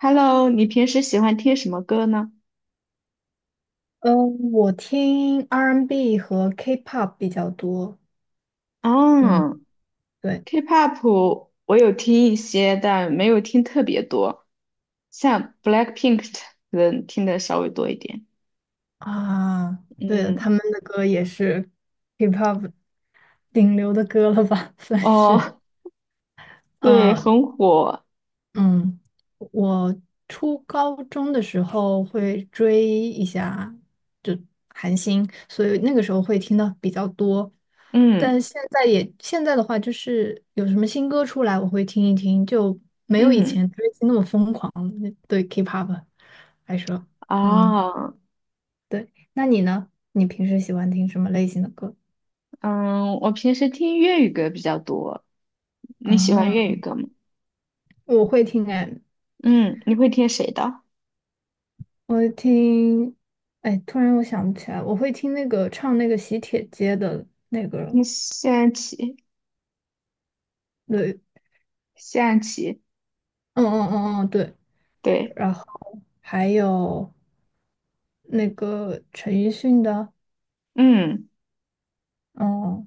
Hello，你平时喜欢听什么歌呢？嗯，我听 R&B 和 K-pop 比较多。嗯，嗯对，，K-pop 我有听一些，但没有听特别多，像 Blackpink 的人听的稍微多一点。啊，对的，他嗯，们的歌也是 K-pop 顶流的歌了吧，算哦，是。对，嗯。很火。嗯，我初高中的时候会追一下，就韩星，所以那个时候会听的比较多。但嗯现在的话，就是有什么新歌出来，我会听一听，就没有以嗯，前追星那么疯狂。对 K-pop 来说，嗯，啊，对。那你呢？你平时喜欢听什么类型的歌？嗯，我平时听粤语歌比较多。你喜欢粤语啊，歌吗？我会听哎，嗯，你会听谁的？我会听，哎，突然我想不起来，我会听那个唱那个喜帖街的那个听人，谢安琪，对，谢安琪，嗯嗯嗯嗯，对，对，然后还有那个陈奕迅的，嗯嗯，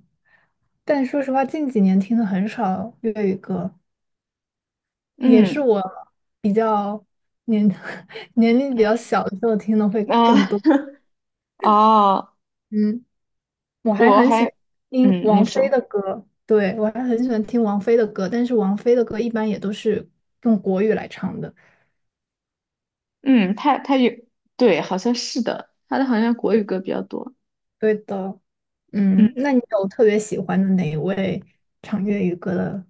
但说实话，近几年听的很少粤语歌，也嗯，是我比较年 年龄比较小的时候听的会啊、更多，哦，嗯。我还我很喜欢还听嗯，那王菲首，的歌，对，我还很喜欢听王菲的歌，但是王菲的歌一般也都是用国语来唱的。嗯，他有，对，好像是的，他的好像国语歌是比较多。对的，嗯嗯，那你有特别喜欢的哪一位唱粤语歌的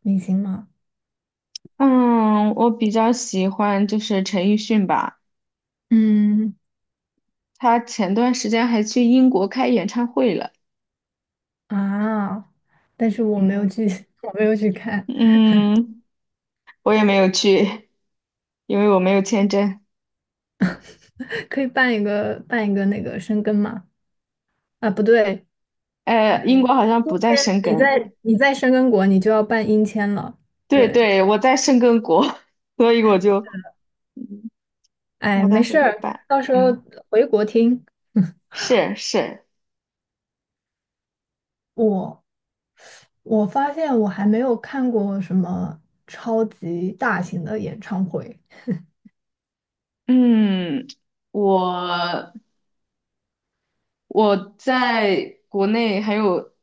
明星吗？嗯，我比较喜欢就是陈奕迅吧，嗯他前段时间还去英国开演唱会了。啊，但是我没有嗯去，我没有去看，嗯，我也没有去，因为我没有签证。可以办一个那个深根吗？啊，不对，英你国好像今不在天申你根，在深根国，你就要办英签了，对对。对，我在申根国，所以我就，嗯哎，我没当时事没儿，办。到时候嗯，回国听。是是，我我发现我还没有看过什么超级大型的演唱会，嗯，我。我在国内还有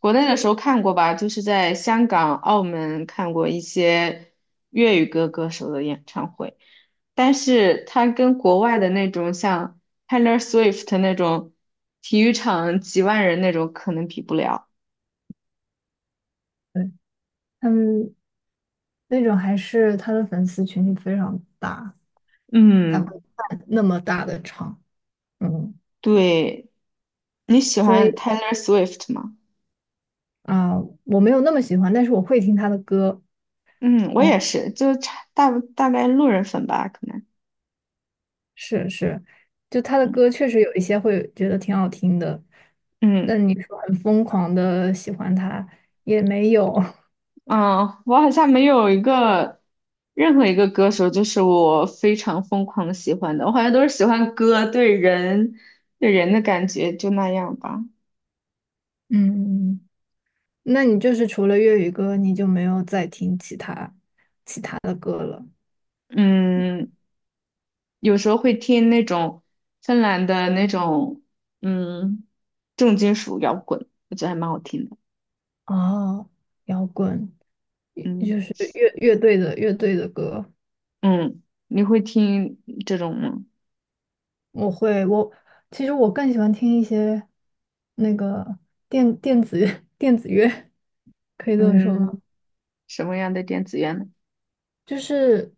国内的时候看过吧，就是在香港、澳门看过一些粤语歌歌手的演唱会，但是它跟国外的那种像 Taylor Swift 那种体育场几万人那种可能比不了。对，他们那种还是他的粉丝群体非常大，才嗯，会办那么大的场。嗯，对，你喜所以欢 Taylor Swift 吗？啊，我没有那么喜欢，但是我会听他的歌。嗯，我也哦，是，就差大概路人粉吧，可能。是是，就他的嗯歌确实有一些会觉得挺好听的，嗯。但你说很疯狂的喜欢他也没有。嗯，我好像没有一个任何一个歌手，就是我非常疯狂的喜欢的。我好像都是喜欢歌对人的感觉，就那样吧。嗯。那你就是除了粤语歌，你就没有再听其他嗯，有时候会听那种芬兰的那种嗯重金属摇滚，我觉得还蛮好听的。哦，摇滚，也嗯就是乐队的歌。嗯，你会听这种吗？我其实更喜欢听一些那个电子 电子乐，可以这么说吗？嗯，什么样的电子乐呢？就是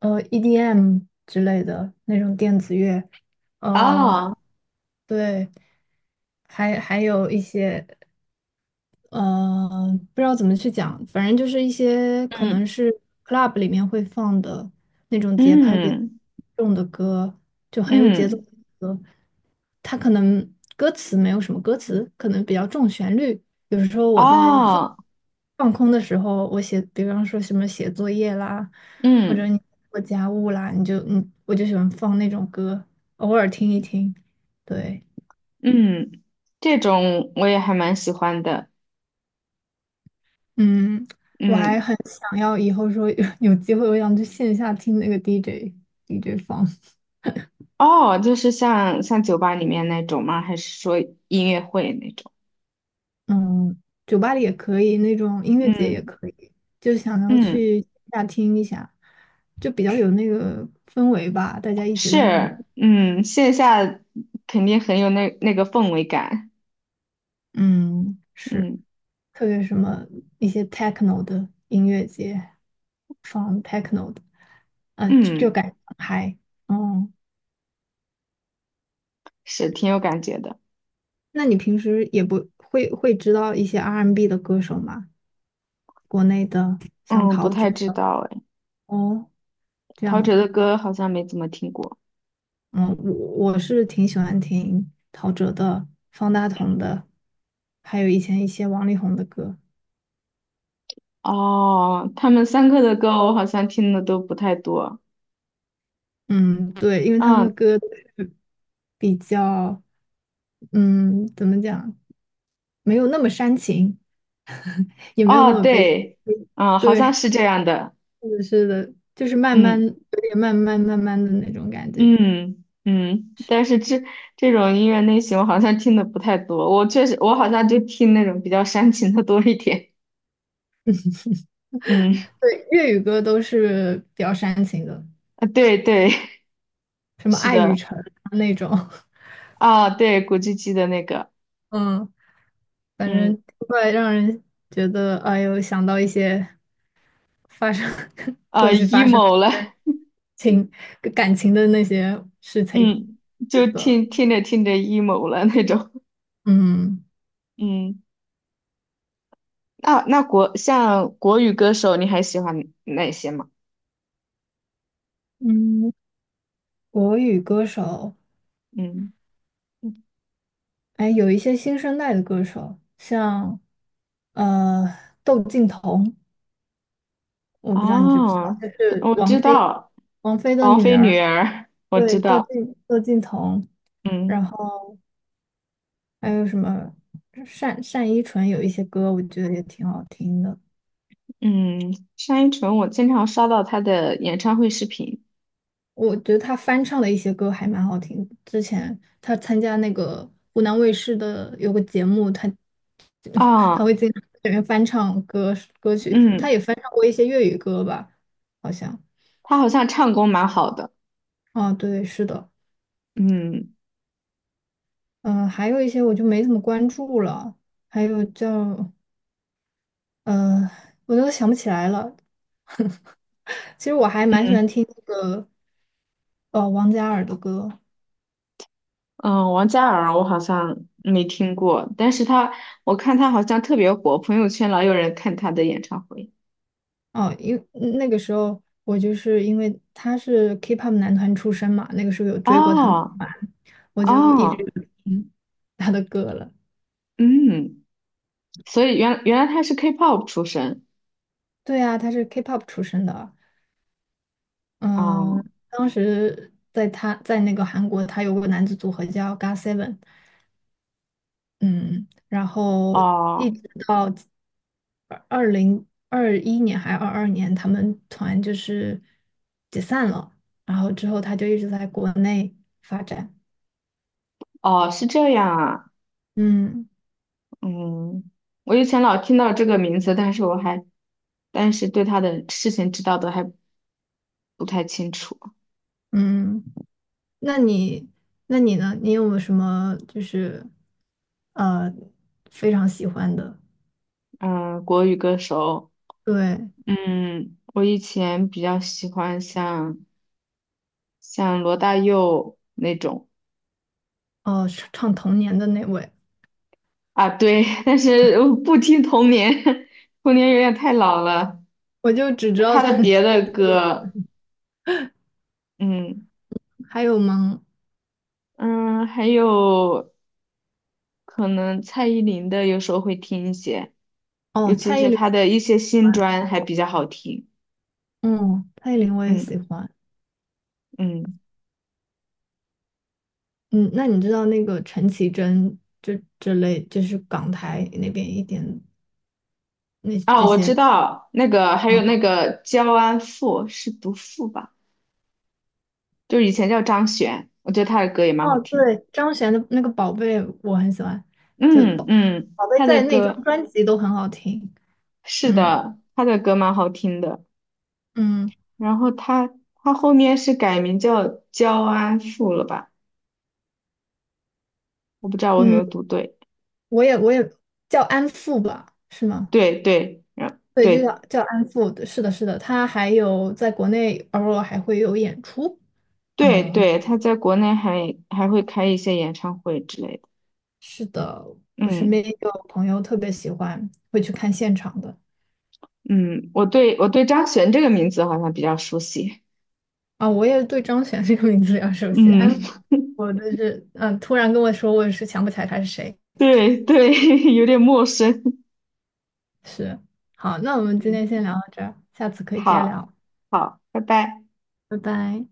EDM 之类的那种电子乐，呃，哦，对，还有一些。呃，不知道怎么去讲，反正就是一些可能嗯是 club 里面会放的那种节拍比较嗯重的歌，就很有节奏的嗯，歌。它可能歌词没有什么歌词，可能比较重旋律。有时候我在哦，放空的时候，比方说什么写作业啦，或者嗯。你做家务啦，你就嗯，我就喜欢放那种歌，偶尔听一听。对。嗯，这种我也还蛮喜欢的。嗯，我还嗯，很想要以后说有 有机会，我想去线下听那个 DJ 放，哦，就是像酒吧里面那种吗？还是说音乐会那种？嗯，酒吧里也可以，那种音乐节也嗯可以，就想要嗯，去线下听一下，就比较有那个氛围吧，大家一起在那是，里，嗯，线下肯定很有那个氛围感。嗯，是，嗯特别什么一些 techno 的音乐节放 techno 的，嗯、就嗯，感觉很嗨，嗯，是挺有感觉的。那你平时也不会会知道一些 R&B 的歌手吗？国内的，像嗯，不陶喆太知的道哎，哦，这陶喆样，的歌好像没怎么听过。嗯，我是挺喜欢听陶喆的、方大同的，还有以前一些王力宏的歌，哦，他们三个的歌我好像听的都不太多。嗯，对，因为他们嗯，的歌就是比较，嗯，怎么讲，没有那么煽情，也没有那哦，么悲，对，嗯，好像对，是这样的。是的，是的，就是慢慢，嗯。有点慢慢慢慢的那种感觉。嗯嗯，但是这种音乐类型我好像听的不太多，我确实我好像就听那种比较煽情的多一点。嗯，对，粤语歌都是比较煽情的，啊对对，什 么是《爱与的，诚》啊那种，啊对，古巨基的那个，嗯。反嗯，正会让人觉得，哎呦，想到一些发生 啊 过去发生 emo 了，的情感情的那些事情。嗯，是就的，听着听着 emo 了那种。嗯嗯，那像国语歌手，你还喜欢哪些吗？嗯，国语歌手，嗯，哎，有一些新生代的歌手，像呃窦靖童，我不知道你知不知哦，道，就是我王知菲道，王菲的王女菲儿，女儿，我知对，窦道，靖窦靖童，嗯。然后还有什么单单依纯有一些歌，我觉得也挺好听的。嗯，单依纯，我经常刷到她的演唱会视频我觉得他翻唱的一些歌还蛮好听的之前他参加那个湖南卫视的有个节目，他啊，会经常在里面翻唱歌曲，他嗯，也翻唱过一些粤语歌吧，好像。她好像唱功蛮好的，啊，对，是的，嗯嗯、还有一些我就没怎么关注了，还有叫呃，我都想不起来了。其实我还蛮喜嗯欢听那个王嘉尔的歌，嗯，王嘉尔我好像没听过，但是他我看他好像特别火，朋友圈老有人看他的演唱会，哦，那个时候我就是因为他是 K-pop 男团出身嘛，那个时候有追过他们哦团，我就一直哦，有听他的歌了。嗯，所以原来她是 K-pop 出身，对啊，他是 K-pop 出身的，嗯，哦当时在他在那个韩国，他有个男子组合叫 GOT7。嗯，然后哦一直到2021年还是22年，他们团就是解散了，然后之后他就一直在国内发展，哦，是这样啊，嗯。嗯。我以前老听到这个名字，但是我还，但是对他的事情知道的还不太清楚。嗯，那你那你呢？你有没有什么就是呃非常喜欢的？嗯，国语歌手，对，嗯，我以前比较喜欢像罗大佑那种哦，唱唱童年的那位，啊，对，但是我不听童年，童年有点太老了。我就只知就道他的他，别 的歌，嗯还有吗？嗯，还有可能蔡依林的有时候会听一些，尤哦，其蔡依是林他我也的一喜些新欢，专还比较好听。嗯，蔡依林我也喜嗯欢。嗯，嗯，那你知道那个陈绮贞这这类，就是港台那边一点那这哦，我知些，道那个，还有嗯，那个焦安富是读富吧？就是以前叫张悬，我觉得他的歌也蛮好哦，听的。对，张悬的那个《宝贝》我很喜欢，就嗯宝嗯，《宝贝》他的在那张歌专辑都很好听。是嗯的，他的歌蛮好听的。嗯然后他后面是改名叫焦安馥了吧？我不知道我有没嗯，有读对。我也叫安富吧，是吗？对对对，就对叫安富，对是的，是的，他还有在国内偶尔还会有演出。对嗯，对，他在国内还会开一些演唱会之类的。是的，我身嗯边也有朋友特别喜欢，会去看现场的。嗯，我对张悬这个名字好像比较熟悉。啊，我也对张悬这个名字比较熟悉，安嗯，富，我真是，嗯，突然跟我说，我也是想不起来他是谁。对对，有点陌生。是，好，那我们今天先聊到这儿，下次可以接着好，聊，好，拜拜。拜拜。